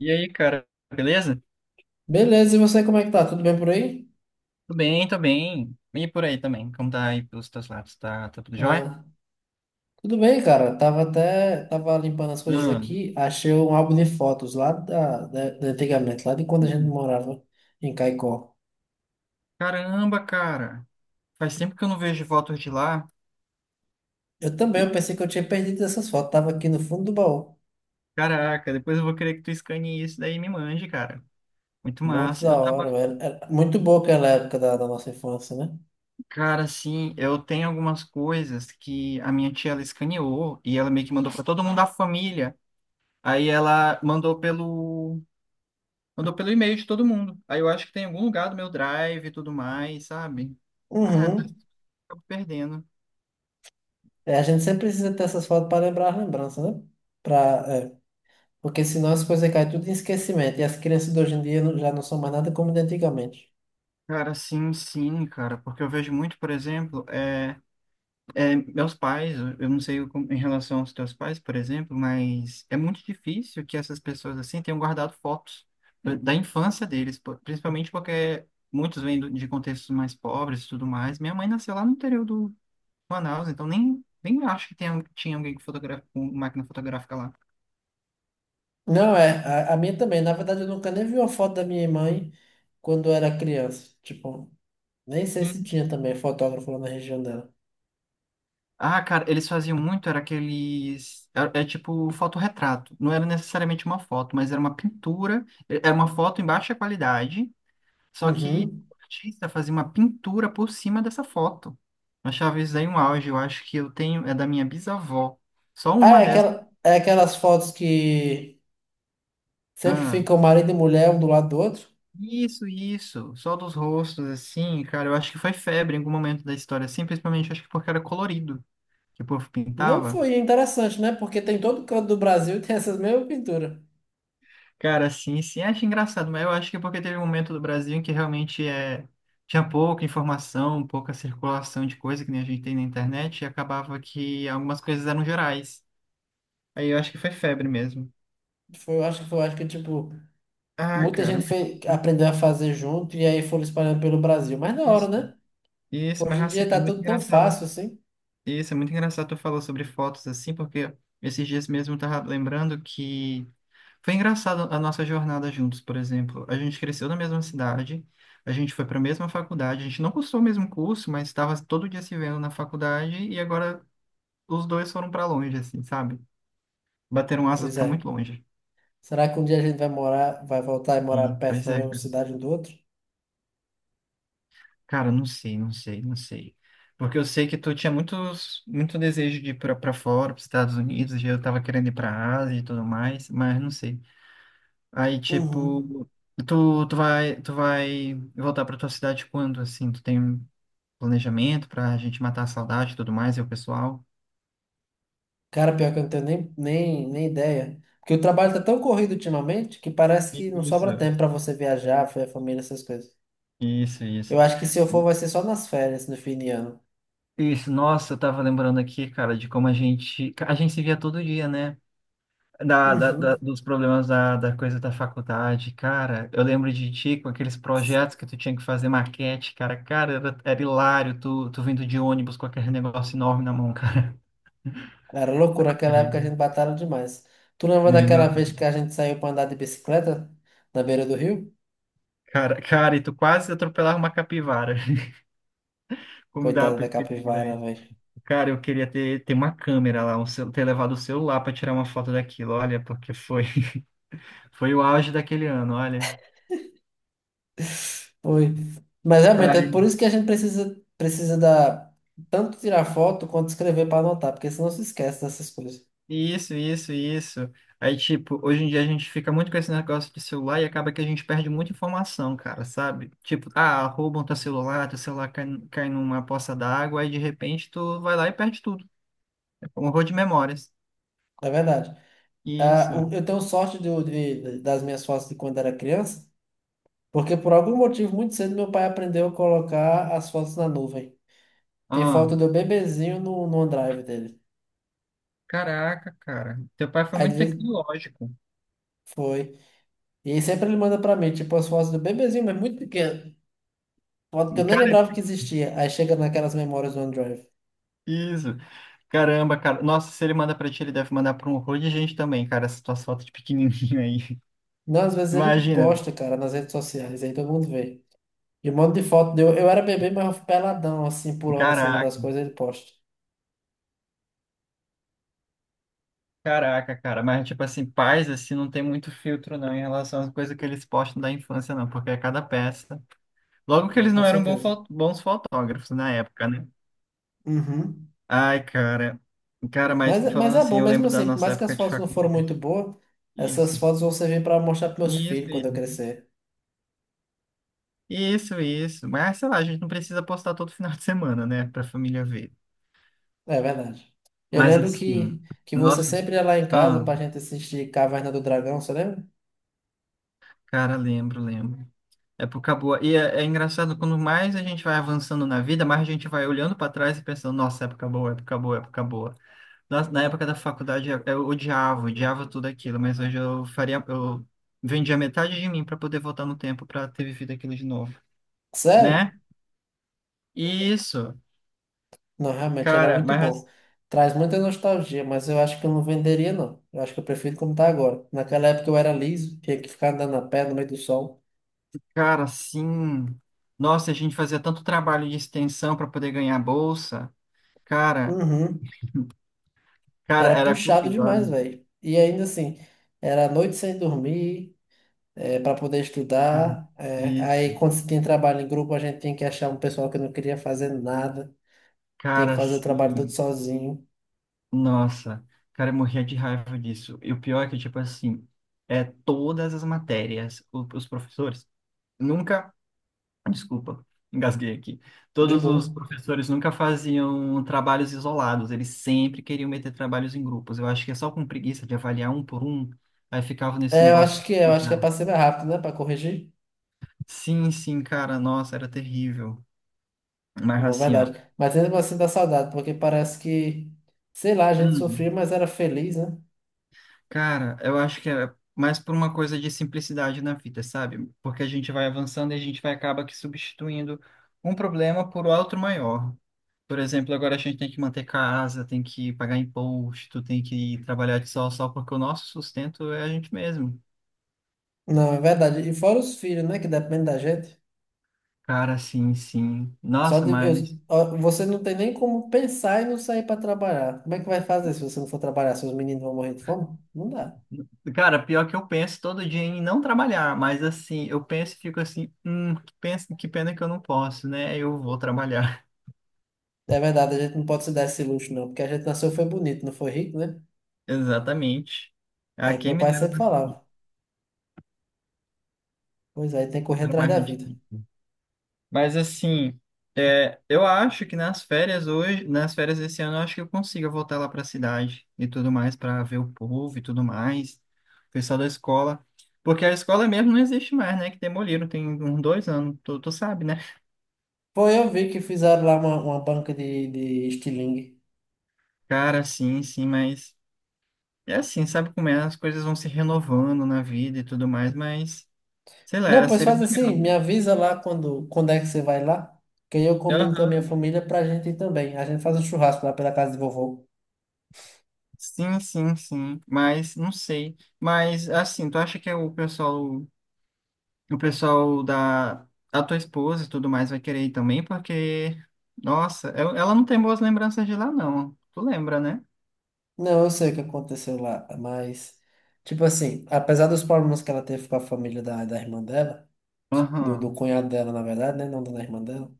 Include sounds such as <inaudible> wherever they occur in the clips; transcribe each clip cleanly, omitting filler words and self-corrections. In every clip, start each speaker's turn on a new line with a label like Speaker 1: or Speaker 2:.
Speaker 1: E aí, cara, beleza?
Speaker 2: Beleza, e você como é que tá? Tudo bem por aí?
Speaker 1: Tudo bem, tô bem. E por aí também, como tá aí pelos teus lados? Tá tudo jóia?
Speaker 2: Ah, tudo bem, cara. Tava limpando as coisas
Speaker 1: Hum.
Speaker 2: aqui, achei um álbum de fotos lá da antigamente, lá de quando a gente morava em Caicó.
Speaker 1: Caramba, cara, faz tempo que eu não vejo fotos de lá.
Speaker 2: Eu também,
Speaker 1: E,
Speaker 2: eu pensei que eu tinha perdido essas fotos, tava aqui no fundo do baú.
Speaker 1: caraca, depois eu vou querer que tu escane isso daí e me mande, cara. Muito
Speaker 2: Muito
Speaker 1: massa.
Speaker 2: da
Speaker 1: Eu
Speaker 2: hora,
Speaker 1: tava,
Speaker 2: velho. Era muito boa aquela época da nossa infância, né?
Speaker 1: cara, assim, eu tenho algumas coisas que a minha tia ela escaneou e ela meio que mandou pra todo mundo da família. Aí ela mandou pelo Mandou pelo e-mail de todo mundo. Aí eu acho que tem em algum lugar do meu drive e tudo mais, sabe? Ah,
Speaker 2: Uhum.
Speaker 1: acabo perdendo.
Speaker 2: É, a gente sempre precisa ter essas fotos para lembrar as lembranças, né? Pra, é, Porque senão as coisas caem tudo em esquecimento e as crianças de hoje em dia já não são mais nada como de antigamente.
Speaker 1: Cara, sim, sim, cara, porque eu vejo muito, por exemplo, meus pais, eu não sei em relação aos teus pais, por exemplo, mas é muito difícil que essas pessoas assim tenham guardado fotos da infância deles, principalmente porque muitos vêm de contextos mais pobres e tudo mais. Minha mãe nasceu lá no interior do Manaus, então nem acho que tinha alguém com com máquina fotográfica lá.
Speaker 2: Não, é, a minha também. Na verdade, eu nunca nem vi uma foto da minha mãe quando eu era criança. Tipo, nem sei se tinha também fotógrafo lá na região dela.
Speaker 1: Ah, cara, eles faziam muito, era aqueles. É tipo fotorretrato. Não era necessariamente uma foto, mas era uma pintura. Era uma foto em baixa qualidade, só que
Speaker 2: Uhum.
Speaker 1: o artista fazia uma pintura por cima dessa foto. Eu achava isso aí um auge. Eu acho que eu tenho. É da minha bisavó. Só
Speaker 2: Ah,
Speaker 1: uma
Speaker 2: é,
Speaker 1: dessas.
Speaker 2: aquela, é aquelas fotos que sempre
Speaker 1: Ah,
Speaker 2: ficam marido e mulher um do lado do outro.
Speaker 1: isso. Só dos rostos, assim, cara. Eu acho que foi febre em algum momento da história, assim, principalmente acho que porque era colorido, que o povo
Speaker 2: Não
Speaker 1: pintava.
Speaker 2: foi interessante, né? Porque tem todo canto do Brasil e tem essas mesmas pinturas.
Speaker 1: Cara, sim, sim, acho engraçado, mas eu acho que é porque teve um momento do Brasil em que realmente é, tinha pouca informação, pouca circulação de coisa que nem a gente tem na internet, e acabava que algumas coisas eram gerais. Aí eu acho que foi febre mesmo.
Speaker 2: Foi, eu acho que, tipo,
Speaker 1: Ah,
Speaker 2: muita
Speaker 1: cara,
Speaker 2: gente fez, aprendeu a fazer junto e aí foram espalhando pelo Brasil. Mas na hora,
Speaker 1: isso,
Speaker 2: né?
Speaker 1: isso, mas
Speaker 2: Hoje em
Speaker 1: assim,
Speaker 2: dia
Speaker 1: é
Speaker 2: tá
Speaker 1: muito
Speaker 2: tudo tão
Speaker 1: engraçado.
Speaker 2: fácil assim.
Speaker 1: Isso, é muito engraçado tu falou sobre fotos assim, porque esses dias mesmo eu tava lembrando que foi engraçado a nossa jornada juntos, por exemplo. A gente cresceu na mesma cidade, a gente foi para a mesma faculdade, a gente não cursou o mesmo curso, mas estava todo dia se vendo na faculdade e agora os dois foram para longe, assim, sabe? Bateram asas
Speaker 2: Pois
Speaker 1: para
Speaker 2: é.
Speaker 1: muito longe.
Speaker 2: Será que um dia a gente vai morar, vai voltar e morar
Speaker 1: E, pois
Speaker 2: perto na
Speaker 1: é,
Speaker 2: mesma
Speaker 1: cara,
Speaker 2: cidade um do outro?
Speaker 1: cara, não sei. Porque eu sei que tu tinha muito desejo de ir para fora, para os Estados Unidos, e eu tava querendo ir para a Ásia e tudo mais, mas não sei. Aí,
Speaker 2: Uhum.
Speaker 1: tipo, tu vai voltar para tua cidade quando, assim? Tu tem planejamento para a gente matar a saudade e tudo mais, e o pessoal.
Speaker 2: Cara, pior que eu não tenho nem ideia. Porque o trabalho tá tão corrido ultimamente que parece que não
Speaker 1: Isso,
Speaker 2: sobra tempo pra você viajar, ver a família, essas coisas. Eu
Speaker 1: isso.
Speaker 2: acho que se eu for, vai ser só nas férias, no fim de ano.
Speaker 1: Isso, nossa, eu tava lembrando aqui, cara, de como a gente se via todo dia, né?
Speaker 2: Uhum.
Speaker 1: Dos problemas da coisa da faculdade, cara. Eu lembro de ti com aqueles projetos que tu tinha que fazer maquete, cara. Cara, era hilário tu vindo de ônibus com aquele negócio enorme na mão, cara.
Speaker 2: Era loucura, naquela
Speaker 1: Ai,
Speaker 2: época a gente batalha demais. Tu lembra daquela
Speaker 1: imagina.
Speaker 2: vez que a gente saiu pra andar de bicicleta na beira do rio?
Speaker 1: Cara, e tu quase atropelava uma capivara. <laughs> Como dá a
Speaker 2: Coitada da
Speaker 1: perspectiva.
Speaker 2: capivara, velho.
Speaker 1: Cara, eu queria ter uma câmera lá, ter levado o celular para tirar uma foto daquilo, olha, porque foi, <laughs> foi o auge daquele ano, olha.
Speaker 2: Foi. Mas realmente é
Speaker 1: Ai,
Speaker 2: por isso que a gente precisa tanto tirar foto quanto escrever para anotar, porque senão se esquece dessas coisas.
Speaker 1: Isso. Aí, tipo, hoje em dia a gente fica muito com esse negócio de celular e acaba que a gente perde muita informação, cara, sabe? Tipo, ah, roubam teu celular cai numa poça d'água, aí de repente tu vai lá e perde tudo. É um horror de memórias.
Speaker 2: É verdade. Ah,
Speaker 1: Isso.
Speaker 2: eu tenho sorte das minhas fotos de quando era criança, porque por algum motivo muito cedo meu pai aprendeu a colocar as fotos na nuvem. Tem
Speaker 1: Ah,
Speaker 2: foto do bebezinho no OneDrive dele.
Speaker 1: caraca, cara. Teu pai foi
Speaker 2: Aí de
Speaker 1: muito
Speaker 2: vez
Speaker 1: tecnológico.
Speaker 2: foi. E aí sempre ele manda para mim, tipo, as fotos do bebezinho, mas muito pequeno. Foto que eu nem
Speaker 1: Cara,
Speaker 2: lembrava que existia. Aí chega naquelas memórias do OneDrive.
Speaker 1: isso. Caramba, cara. Nossa, se ele manda pra ti, ele deve mandar pra um horror de gente também, cara, essa tua foto de pequenininho aí.
Speaker 2: Não, às
Speaker 1: <laughs>
Speaker 2: vezes ele
Speaker 1: Imagina.
Speaker 2: posta, cara, nas redes sociais, aí todo mundo vê. E um monte de foto deu. Eu era bebê, mas eu fui peladão, assim, pulando em cima
Speaker 1: Caraca,
Speaker 2: das coisas, ele posta.
Speaker 1: caraca, cara. Mas, tipo assim, pais, assim, não tem muito filtro, não, em relação às coisas que eles postam da infância, não, porque é cada peça. Logo que
Speaker 2: Não,
Speaker 1: eles
Speaker 2: com
Speaker 1: não eram
Speaker 2: certeza.
Speaker 1: bons fotógrafos na época, né?
Speaker 2: Uhum.
Speaker 1: Ai, cara. Cara, mas
Speaker 2: Mas
Speaker 1: falando
Speaker 2: é
Speaker 1: assim,
Speaker 2: bom,
Speaker 1: eu
Speaker 2: mesmo
Speaker 1: lembro da
Speaker 2: assim, por
Speaker 1: nossa
Speaker 2: mais que as
Speaker 1: época de
Speaker 2: fotos não foram
Speaker 1: faculdade.
Speaker 2: muito boas, essas
Speaker 1: Isso.
Speaker 2: fotos vão servir para mostrar para meus
Speaker 1: Isso,
Speaker 2: filhos quando eu
Speaker 1: isso.
Speaker 2: crescer.
Speaker 1: Isso. Mas, sei lá, a gente não precisa postar todo final de semana, né, pra família ver.
Speaker 2: É verdade. Eu
Speaker 1: Mas
Speaker 2: lembro
Speaker 1: assim,
Speaker 2: que você
Speaker 1: nossa,
Speaker 2: sempre ia lá em casa
Speaker 1: ah,
Speaker 2: pra gente assistir Caverna do Dragão, você lembra?
Speaker 1: cara, lembro. Época boa. E é engraçado, quando mais a gente vai avançando na vida, mais a gente vai olhando para trás e pensando, nossa, época boa. Nossa, na época da faculdade eu odiava tudo aquilo, mas hoje eu faria, eu vendia metade de mim para poder voltar no tempo para ter vivido aquilo de novo,
Speaker 2: Sério?
Speaker 1: né? Isso,
Speaker 2: Não, realmente era
Speaker 1: cara,
Speaker 2: muito bom.
Speaker 1: mas,
Speaker 2: Traz muita nostalgia, mas eu acho que eu não venderia, não. Eu acho que eu prefiro como tá agora. Naquela época eu era liso, tinha que ficar andando a pé no meio do sol.
Speaker 1: cara, sim. Nossa, a gente fazia tanto trabalho de extensão para poder ganhar bolsa. Cara,
Speaker 2: Uhum.
Speaker 1: cara,
Speaker 2: Era
Speaker 1: era
Speaker 2: puxado
Speaker 1: corredor.
Speaker 2: demais, velho. E ainda assim, era noite sem dormir, para poder estudar.
Speaker 1: Isso.
Speaker 2: Aí quando se tinha trabalho em grupo, a gente tinha que achar um pessoal que não queria fazer nada. Tinha que
Speaker 1: Cara,
Speaker 2: fazer o trabalho todo
Speaker 1: assim,
Speaker 2: sozinho.
Speaker 1: nossa. Cara, eu morria de raiva disso. E o pior é que, tipo assim, é todas as matérias, os professores nunca, desculpa, engasguei aqui.
Speaker 2: De
Speaker 1: Todos
Speaker 2: boa.
Speaker 1: os professores nunca faziam trabalhos isolados, eles sempre queriam meter trabalhos em grupos. Eu acho que é só com preguiça de avaliar um por um, aí ficava nesse negócio de
Speaker 2: Eu acho que é
Speaker 1: ficar.
Speaker 2: pra ser mais rápido, né? Pra corrigir.
Speaker 1: Sim, sim, cara, nossa, era terrível. Mas
Speaker 2: Não,
Speaker 1: assim, ó.
Speaker 2: verdade. Mas mesmo assim dá saudade, porque parece que, sei lá, a gente sofria,
Speaker 1: Hum,
Speaker 2: mas era feliz, né?
Speaker 1: cara, eu acho que é mais por uma coisa de simplicidade na vida, sabe? Porque a gente vai avançando e a gente vai acaba que substituindo um problema por outro maior. Por exemplo, agora a gente tem que manter casa, tem que pagar imposto, tem que trabalhar de sol a sol, porque o nosso sustento é a gente mesmo.
Speaker 2: Não, é verdade. E fora os filhos, né? Que depende da gente.
Speaker 1: Cara, sim, sim.
Speaker 2: Só
Speaker 1: Nossa,
Speaker 2: de, eu,
Speaker 1: mas.
Speaker 2: Ó, você não tem nem como pensar e não sair para trabalhar. Como é que vai fazer se você não for trabalhar? Seus meninos vão morrer de fome? Não dá.
Speaker 1: Cara, pior que eu penso todo dia em não trabalhar, mas assim, eu penso e fico assim, que pena que eu não posso, né? Eu vou trabalhar.
Speaker 2: É verdade, a gente não pode se dar esse luxo, não, porque a gente nasceu foi bonito, não foi rico, né?
Speaker 1: <laughs> Exatamente. Ah,
Speaker 2: É que
Speaker 1: quem
Speaker 2: meu
Speaker 1: me
Speaker 2: pai
Speaker 1: dera.
Speaker 2: sempre falava. Pois é, tem que correr
Speaker 1: Era
Speaker 2: atrás da
Speaker 1: mais
Speaker 2: vida.
Speaker 1: difícil. Mas assim, é, eu acho que nas férias hoje, nas férias desse ano, eu acho que eu consigo voltar lá para a cidade e tudo mais para ver o povo e tudo mais, o pessoal da escola, porque a escola mesmo não existe mais, né? Que demoliram tem uns dois anos, tu sabe, né?
Speaker 2: Foi, eu vi que fizeram lá uma banca de estilingue.
Speaker 1: Cara, sim, sim, mas é assim, sabe como é? As coisas vão se renovando na vida e tudo mais, mas sei lá,
Speaker 2: Não,
Speaker 1: era
Speaker 2: pois
Speaker 1: ser
Speaker 2: faz assim,
Speaker 1: legal.
Speaker 2: me avisa lá quando é que você vai lá, que aí eu combino com a minha
Speaker 1: Aham.
Speaker 2: família pra gente ir também. A gente faz um churrasco lá pela casa de vovô.
Speaker 1: Sim, mas não sei. Mas assim, tu acha que é o pessoal da tua esposa e tudo mais vai querer ir também, porque, nossa, ela não tem boas lembranças de lá, não. Tu lembra, né?
Speaker 2: Não, eu sei o que aconteceu lá, mas, tipo assim, apesar dos problemas que ela teve com a família da irmã dela, do
Speaker 1: Aham,
Speaker 2: cunhado dela, na verdade, né? Não da irmã dela,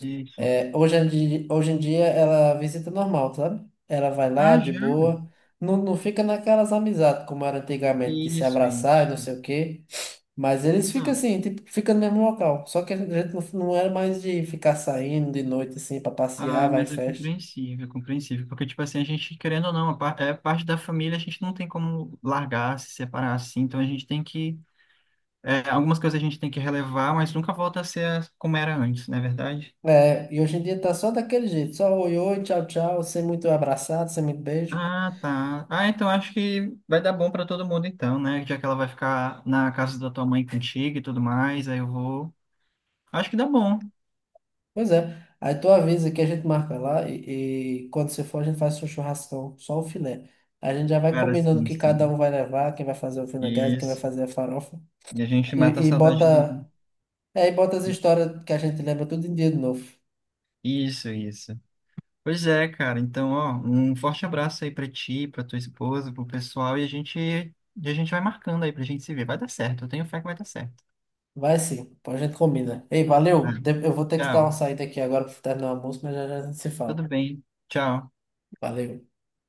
Speaker 1: isso.
Speaker 2: é, hoje em dia ela visita normal, sabe? Ela vai lá
Speaker 1: Ah,
Speaker 2: de
Speaker 1: já?
Speaker 2: boa, não, não fica naquelas amizades como era antigamente, de se
Speaker 1: Isso,
Speaker 2: abraçar e
Speaker 1: isso.
Speaker 2: não sei o quê. Mas eles ficam
Speaker 1: Ah,
Speaker 2: assim, tipo, fica no mesmo local. Só que a gente não, não era mais de ficar saindo de noite assim pra passear, vai em
Speaker 1: mas é
Speaker 2: festa.
Speaker 1: é compreensível. Porque, tipo assim, a gente, querendo ou não, é parte da família, a gente não tem como largar, se separar assim. Então a gente tem que. É, algumas coisas a gente tem que relevar, mas nunca volta a ser como era antes, não é verdade?
Speaker 2: É, e hoje em dia tá só daquele jeito, só oi, oi, tchau, tchau, sem muito abraçado, sem muito beijo.
Speaker 1: Ah, tá. Ah, então acho que vai dar bom pra todo mundo então, né? Já que ela vai ficar na casa da tua mãe contigo e tudo mais, aí eu vou. Acho que dá bom.
Speaker 2: Pois é. Aí tu avisa que a gente marca lá e quando você for a gente faz um churrascão, só o filé. A gente já vai
Speaker 1: Cara,
Speaker 2: combinando o
Speaker 1: sim,
Speaker 2: que cada um
Speaker 1: sim.
Speaker 2: vai levar, quem vai fazer o vinagrete, quem vai
Speaker 1: Isso.
Speaker 2: fazer a farofa.
Speaker 1: E a gente
Speaker 2: E,
Speaker 1: mata a
Speaker 2: e
Speaker 1: saudade do.
Speaker 2: bota, e bota as histórias que a gente lembra tudo em dia de novo.
Speaker 1: Isso, isso. Pois é, cara. Então, ó, um forte abraço aí pra ti, pra tua esposa, pro pessoal e e a gente vai marcando aí pra gente se ver. Vai dar certo. Eu tenho fé que vai dar certo.
Speaker 2: Vai sim, depois a gente combina. Ei, valeu.
Speaker 1: Vai.
Speaker 2: Eu vou ter que dar uma
Speaker 1: Tchau.
Speaker 2: saída aqui agora para terminar o almoço, mas já a gente se fala.
Speaker 1: Tudo bem. Tchau.
Speaker 2: Valeu.